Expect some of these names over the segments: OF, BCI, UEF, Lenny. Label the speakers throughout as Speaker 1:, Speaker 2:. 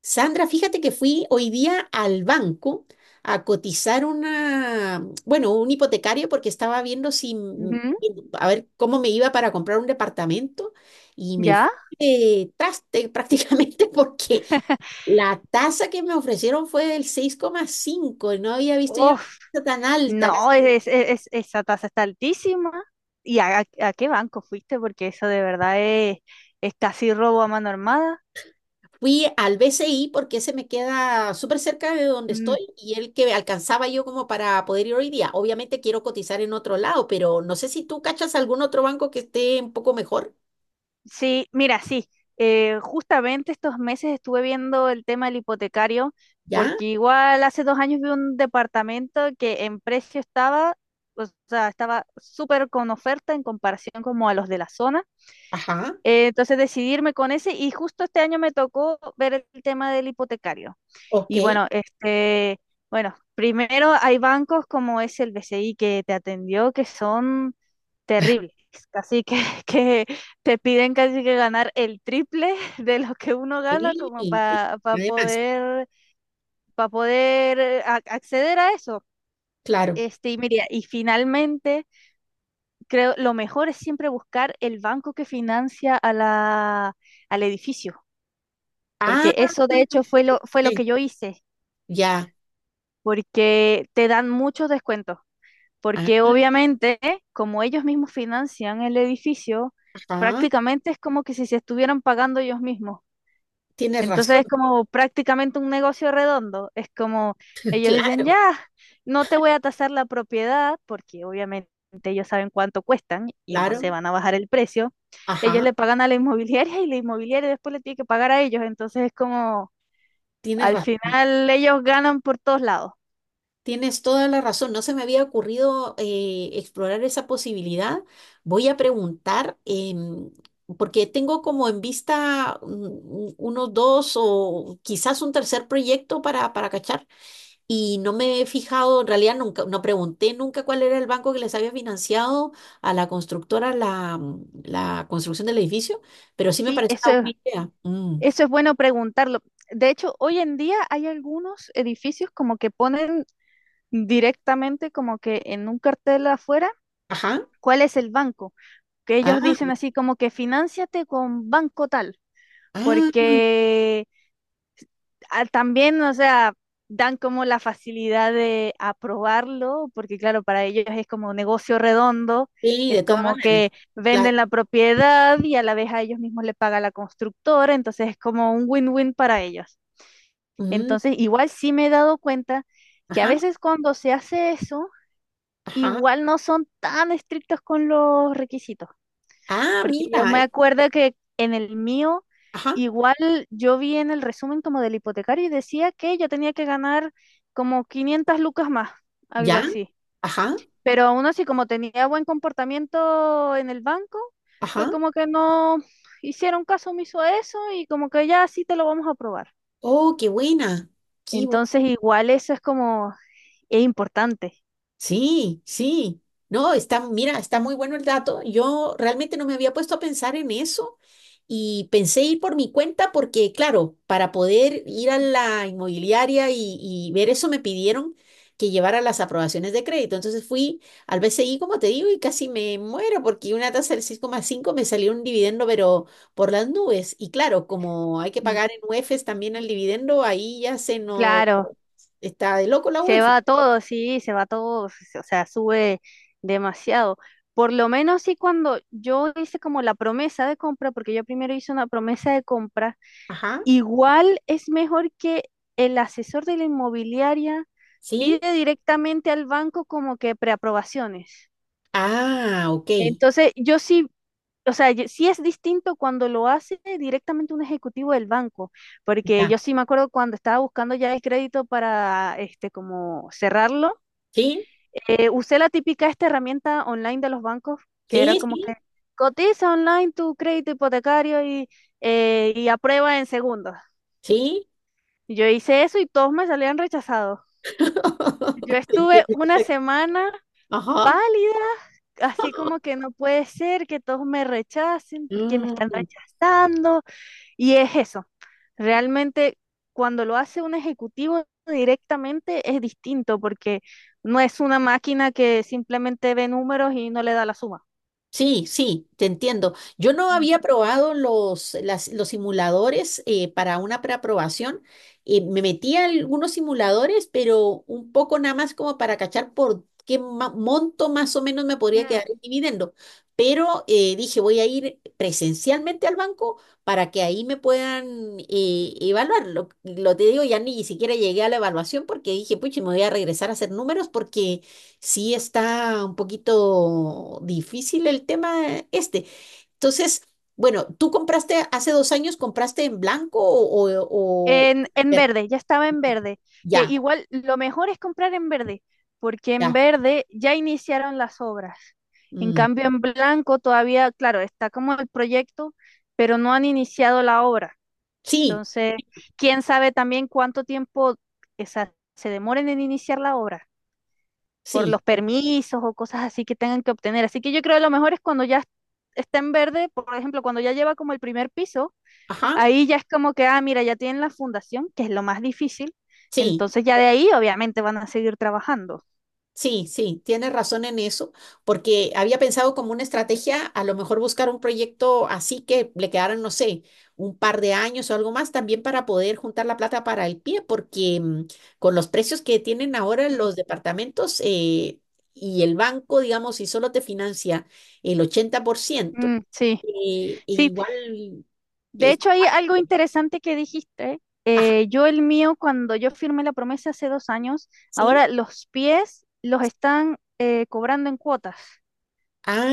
Speaker 1: Sandra, fíjate que fui hoy día al banco a cotizar bueno, un hipotecario porque estaba viendo si,
Speaker 2: Ujú.
Speaker 1: a ver cómo me iba para comprar un departamento y me fui
Speaker 2: ¿Ya?
Speaker 1: de traste prácticamente porque la tasa que me ofrecieron fue del 6,5. No había visto yo
Speaker 2: Uf,
Speaker 1: una tasa tan alta,
Speaker 2: no,
Speaker 1: casi.
Speaker 2: esa tasa está altísima. ¿Y a qué banco fuiste? Porque eso de verdad es casi robo a mano armada.
Speaker 1: Fui al BCI porque ese me queda súper cerca de donde
Speaker 2: Mm,
Speaker 1: estoy y el que alcanzaba yo como para poder ir hoy día. Obviamente quiero cotizar en otro lado, pero no sé si tú cachas algún otro banco que esté un poco mejor.
Speaker 2: sí, mira, sí. Justamente estos meses estuve viendo el tema del hipotecario,
Speaker 1: ¿Ya?
Speaker 2: porque igual hace dos años vi un departamento que en precio estaba, o sea, estaba súper con oferta en comparación como a los de la zona.
Speaker 1: Ajá.
Speaker 2: Entonces decidirme con ese y justo este año me tocó ver el tema del hipotecario.
Speaker 1: Ok.
Speaker 2: Y bueno, primero hay bancos como es el BCI que te atendió que son terribles, casi que, que te piden casi que ganar el triple de lo que uno gana
Speaker 1: Sí,
Speaker 2: como
Speaker 1: sí, sí,
Speaker 2: para
Speaker 1: además,
Speaker 2: poder, para poder acceder a eso.
Speaker 1: claro.
Speaker 2: Y mira, y finalmente, creo, lo mejor es siempre buscar el banco que financia a al edificio, porque
Speaker 1: Ah,
Speaker 2: eso de hecho fue lo
Speaker 1: ok,
Speaker 2: que yo hice,
Speaker 1: ya.
Speaker 2: porque te dan muchos descuentos.
Speaker 1: Ah,
Speaker 2: Porque obviamente, como ellos mismos financian el edificio,
Speaker 1: ajá.
Speaker 2: prácticamente es como que si se estuvieran pagando ellos mismos.
Speaker 1: Tienes
Speaker 2: Entonces
Speaker 1: razón.
Speaker 2: es como prácticamente un negocio redondo. Es como ellos dicen,
Speaker 1: Claro,
Speaker 2: ya, no te voy a tasar la propiedad, porque obviamente ellos saben cuánto cuestan y no se
Speaker 1: claro.
Speaker 2: van a bajar el precio. Ellos
Speaker 1: Ajá.
Speaker 2: le pagan a la inmobiliaria y la inmobiliaria después le tiene que pagar a ellos. Entonces es como,
Speaker 1: Tienes
Speaker 2: al
Speaker 1: razón.
Speaker 2: final ellos ganan por todos lados.
Speaker 1: Tienes toda la razón, no se me había ocurrido explorar esa posibilidad. Voy a preguntar, porque tengo como en vista unos dos o quizás un tercer proyecto para cachar y no me he fijado, en realidad nunca, no pregunté nunca cuál era el banco que les había financiado a la constructora la construcción del edificio, pero sí me
Speaker 2: Sí,
Speaker 1: parece
Speaker 2: eso
Speaker 1: una
Speaker 2: es.
Speaker 1: buena idea. Mm.
Speaker 2: Eso es bueno preguntarlo. De hecho, hoy en día hay algunos edificios como que ponen directamente como que en un cartel afuera
Speaker 1: Ajá.
Speaker 2: cuál es el banco, que
Speaker 1: Ah,
Speaker 2: ellos dicen así como que finánciate con banco tal,
Speaker 1: ah,
Speaker 2: porque también, o sea, dan como la facilidad de aprobarlo, porque claro, para ellos es como un negocio redondo,
Speaker 1: sí,
Speaker 2: es
Speaker 1: de todas
Speaker 2: como
Speaker 1: maneras.
Speaker 2: que
Speaker 1: Claro.
Speaker 2: venden la propiedad y a la vez a ellos mismos le paga la constructora, entonces es como un win-win para ellos.
Speaker 1: Mm,
Speaker 2: Entonces, igual sí me he dado cuenta que a
Speaker 1: ajá.
Speaker 2: veces cuando se hace eso,
Speaker 1: Ajá.
Speaker 2: igual no son tan estrictos con los requisitos,
Speaker 1: Ah,
Speaker 2: porque yo
Speaker 1: mira.
Speaker 2: me acuerdo que en el mío,
Speaker 1: Ajá.
Speaker 2: igual yo vi en el resumen como del hipotecario y decía que yo tenía que ganar como 500 lucas más, algo
Speaker 1: Ya.
Speaker 2: así.
Speaker 1: Ajá.
Speaker 2: Pero aún así, como tenía buen comportamiento en el banco, fue
Speaker 1: Ajá.
Speaker 2: como que no hicieron caso omiso a eso y como que ya sí te lo vamos a aprobar.
Speaker 1: Oh, qué buena. Qué buena.
Speaker 2: Entonces, igual eso es como, es importante.
Speaker 1: Sí, sí. No, está, mira, está muy bueno el dato. Yo realmente no me había puesto a pensar en eso y pensé ir por mi cuenta porque, claro, para poder ir a la inmobiliaria y ver eso me pidieron que llevara las aprobaciones de crédito. Entonces fui al BCI, como te digo, y casi me muero porque una tasa del seis coma cinco me salió un dividendo, pero por las nubes. Y claro, como hay que
Speaker 2: Mm.
Speaker 1: pagar en UEFs también el dividendo, ahí ya se nos
Speaker 2: Claro,
Speaker 1: está de loco la
Speaker 2: se
Speaker 1: UEF.
Speaker 2: va todo, sí, se va todo, o sea, sube demasiado. Por lo menos sí cuando yo hice como la promesa de compra, porque yo primero hice una promesa de compra,
Speaker 1: Ajá,
Speaker 2: igual es mejor que el asesor de la inmobiliaria
Speaker 1: sí.
Speaker 2: pide directamente al banco como que preaprobaciones.
Speaker 1: Ah, ok.
Speaker 2: Entonces, yo sí o sea, sí es distinto cuando lo hace directamente un ejecutivo del banco, porque yo
Speaker 1: Ya.
Speaker 2: sí me acuerdo cuando estaba buscando ya el crédito para este como cerrarlo,
Speaker 1: Sí,
Speaker 2: usé la típica esta herramienta online de los bancos, que era
Speaker 1: sí,
Speaker 2: como
Speaker 1: sí,
Speaker 2: que cotiza online tu crédito hipotecario y y aprueba en segundos.
Speaker 1: sí.
Speaker 2: Yo hice eso y todos me salían rechazados. Yo estuve
Speaker 1: Entiendo
Speaker 2: una
Speaker 1: perfecto.
Speaker 2: semana
Speaker 1: Ajá.
Speaker 2: pálida, así como que no puede ser que todos me rechacen, ¿porque me están
Speaker 1: Mm.
Speaker 2: rechazando? Y es eso. Realmente cuando lo hace un ejecutivo directamente es distinto porque no es una máquina que simplemente ve números y no le da la suma.
Speaker 1: Sí, sí, te entiendo. Yo no
Speaker 2: Mm.
Speaker 1: había probado los simuladores para una preaprobación. Me metí a algunos simuladores, pero un poco nada más como para cachar por qué monto más o menos me podría
Speaker 2: Mm.
Speaker 1: quedar el dividendo. Pero dije, voy a ir presencialmente al banco para que ahí me puedan evaluar. Lo, te digo, ya ni siquiera llegué a la evaluación porque dije, pucha, me voy a regresar a hacer números porque sí, está un poquito difícil el tema este. Entonces, bueno, ¿tú compraste hace dos años? ¿Compraste en blanco o
Speaker 2: En verde, ya estaba en verde, que
Speaker 1: ya,
Speaker 2: igual lo mejor es comprar en verde, porque en
Speaker 1: ya?
Speaker 2: verde ya iniciaron las obras. En
Speaker 1: Mm,
Speaker 2: cambio, en blanco todavía, claro, está como el proyecto, pero no han iniciado la obra.
Speaker 1: sí,
Speaker 2: Entonces, quién sabe también cuánto tiempo se demoren en iniciar la obra por
Speaker 1: sí,
Speaker 2: los permisos o cosas así que tengan que obtener. Así que yo creo que lo mejor es cuando ya está en verde, por ejemplo, cuando ya lleva como el primer piso,
Speaker 1: ajá,
Speaker 2: ahí ya es como que, ah, mira, ya tienen la fundación, que es lo más difícil.
Speaker 1: sí.
Speaker 2: Entonces ya de ahí obviamente van a seguir trabajando.
Speaker 1: Sí, sí, tienes razón en eso, porque había pensado como una estrategia a lo mejor buscar un proyecto así que le quedaran, no sé, un par de años o algo más también para poder juntar la plata para el pie, porque con los precios que tienen ahora
Speaker 2: Mm.
Speaker 1: los departamentos, y el banco, digamos, si solo te financia el 80%,
Speaker 2: mm, sí,
Speaker 1: e
Speaker 2: sí,
Speaker 1: igual
Speaker 2: de
Speaker 1: es
Speaker 2: hecho, hay
Speaker 1: complicado.
Speaker 2: algo interesante que dijiste.
Speaker 1: Ajá,
Speaker 2: Yo el mío, cuando yo firmé la promesa hace dos años,
Speaker 1: sí.
Speaker 2: ahora los pies los están cobrando en cuotas.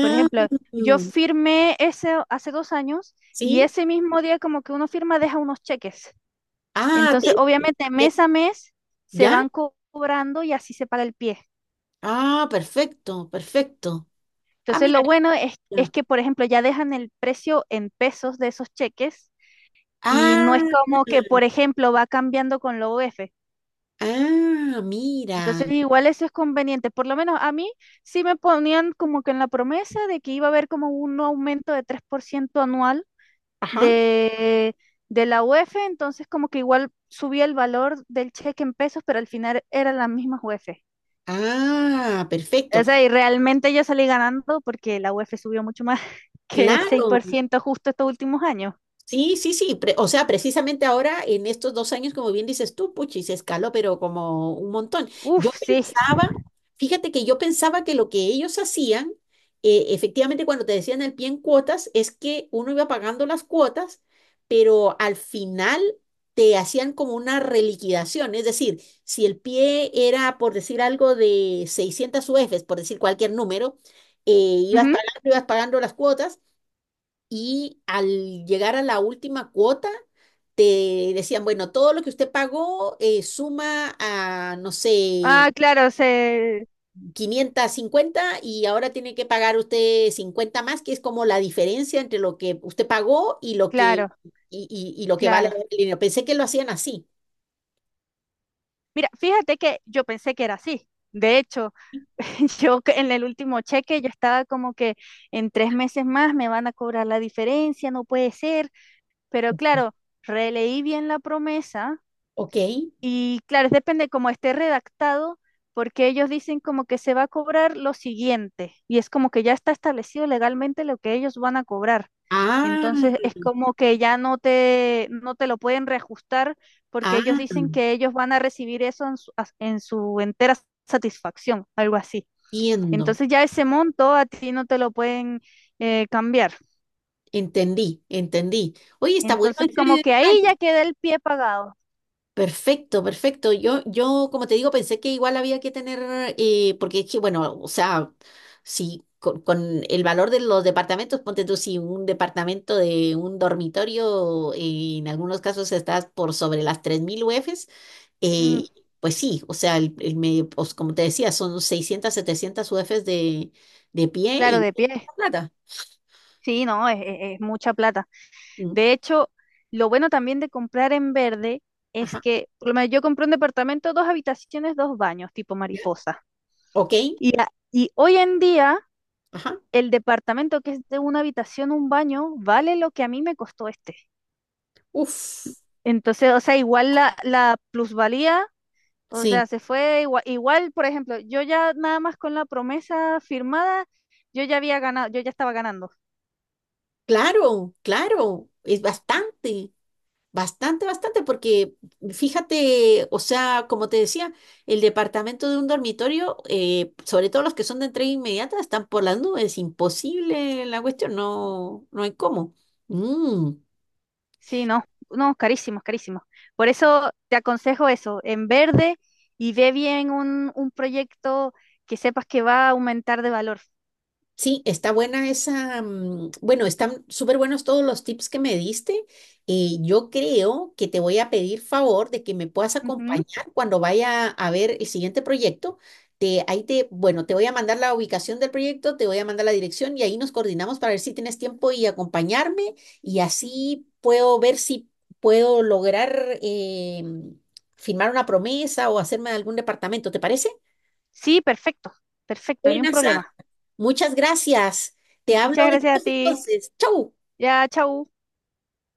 Speaker 2: Por ejemplo, yo
Speaker 1: mm,
Speaker 2: firmé ese hace dos años y
Speaker 1: sí.
Speaker 2: ese mismo día como que uno firma deja unos cheques.
Speaker 1: Ah,
Speaker 2: Entonces, obviamente,
Speaker 1: ¿qué?
Speaker 2: mes a mes se
Speaker 1: ¿Ya?
Speaker 2: van cobrando y así se paga el pie.
Speaker 1: Ah, perfecto, perfecto. Ah,
Speaker 2: Entonces,
Speaker 1: mira.
Speaker 2: lo bueno es
Speaker 1: Ya.
Speaker 2: que, por ejemplo, ya dejan el precio en pesos de esos cheques y no es
Speaker 1: Ah,
Speaker 2: como que, por ejemplo, va cambiando con la OF.
Speaker 1: ah, mira.
Speaker 2: Entonces, igual eso es conveniente. Por lo menos a mí sí me ponían como que en la promesa de que iba a haber como un aumento de 3% anual
Speaker 1: Ajá.
Speaker 2: de, de la UEF, entonces como que igual subía el valor del cheque en pesos, pero al final eran las mismas UEF.
Speaker 1: Ah, perfecto.
Speaker 2: O sea, y realmente yo salí ganando porque la UEF subió mucho más que seis
Speaker 1: Claro,
Speaker 2: por ciento justo estos últimos años.
Speaker 1: sí, sí, sí. O sea, precisamente ahora, en estos dos años, como bien dices tú, puchi, se escaló, pero como un montón. Yo
Speaker 2: Uf, sí.
Speaker 1: pensaba, Fíjate que yo pensaba que lo que ellos hacían, efectivamente, cuando te decían el pie en cuotas, es que uno iba pagando las cuotas, pero al final te hacían como una reliquidación. Es decir, si el pie era, por decir algo, de 600 UFs, por decir cualquier número,
Speaker 2: Ujú.
Speaker 1: ibas pagando las cuotas y al llegar a la última cuota, te decían, bueno, todo lo que usted pagó, suma a, no sé,
Speaker 2: Ah, claro, se,
Speaker 1: 550 y ahora tiene que pagar usted 50 más, que es como la diferencia entre lo que usted pagó y lo que,
Speaker 2: claro,
Speaker 1: y lo que vale
Speaker 2: claro.
Speaker 1: el dinero. Pensé que lo hacían así.
Speaker 2: Mira, fíjate que yo pensé que era así. De hecho, yo que en el último cheque yo estaba como que en tres meses más me van a cobrar la diferencia, no puede ser. Pero claro, releí bien la promesa
Speaker 1: Ok.
Speaker 2: y claro, depende cómo esté redactado, porque ellos dicen como que se va a cobrar lo siguiente, y es como que ya está establecido legalmente lo que ellos van a cobrar.
Speaker 1: Ah,
Speaker 2: Entonces es como que ya no te lo pueden reajustar porque
Speaker 1: ah,
Speaker 2: ellos dicen que ellos van a recibir eso en en su entera satisfacción, algo así.
Speaker 1: entiendo,
Speaker 2: Entonces ya ese monto a ti no te lo pueden cambiar.
Speaker 1: entendí, entendí. Oye, está bueno
Speaker 2: Entonces
Speaker 1: ese
Speaker 2: como que ahí
Speaker 1: detalle.
Speaker 2: ya queda el pie pagado.
Speaker 1: Perfecto, perfecto. Yo, como te digo, pensé que igual había que tener, porque es que, bueno, o sea, si con el valor de los departamentos, ponte tú, si un departamento de un dormitorio, en algunos casos estás por sobre las 3000 UFs,
Speaker 2: Mm,
Speaker 1: eh, pues sí, o sea, el medio, pues, como te decía, son 600, 700 UFs de pie
Speaker 2: claro,
Speaker 1: y
Speaker 2: de pie.
Speaker 1: plata.
Speaker 2: Sí, no, es mucha plata.
Speaker 1: Mm,
Speaker 2: De hecho, lo bueno también de comprar en verde es
Speaker 1: ajá.
Speaker 2: que, por lo menos yo compré un departamento, dos habitaciones, dos baños, tipo mariposa.
Speaker 1: Ok,
Speaker 2: Y hoy en día,
Speaker 1: ajá.
Speaker 2: el departamento que es de una habitación, un baño, vale lo que a mí me costó este.
Speaker 1: Uf,
Speaker 2: Entonces, o sea, igual la plusvalía, o
Speaker 1: sí.
Speaker 2: sea, se fue igual, por ejemplo, yo ya nada más con la promesa firmada, yo ya había ganado, yo ya estaba ganando.
Speaker 1: Claro, claro, es bastante, bastante, bastante, porque fíjate, o sea, como te decía, el departamento de un dormitorio, sobre todo los que son de entrega inmediata, están por las nubes, imposible la cuestión, no, no hay cómo. Mm.
Speaker 2: Sí, no, no, carísimos, carísimos. Por eso te aconsejo eso, en verde y ve bien un proyecto que sepas que va a aumentar de valor.
Speaker 1: Sí, está buena esa. Bueno, están súper buenos todos los tips que me diste. Yo creo que te voy a pedir favor de que me puedas
Speaker 2: Ujú.
Speaker 1: acompañar cuando vaya a ver el siguiente proyecto. Te, ahí te, bueno, te voy a mandar la ubicación del proyecto, te voy a mandar la dirección y ahí nos coordinamos para ver si tienes tiempo y acompañarme y así puedo ver si puedo lograr firmar una promesa o hacerme de algún departamento. ¿Te parece?
Speaker 2: Sí, perfecto, perfecto, ni un
Speaker 1: Buenas.
Speaker 2: problema.
Speaker 1: Muchas gracias. Te hablo
Speaker 2: Muchas gracias a
Speaker 1: después
Speaker 2: ti.
Speaker 1: entonces. ¡Chau!
Speaker 2: Ya, chau.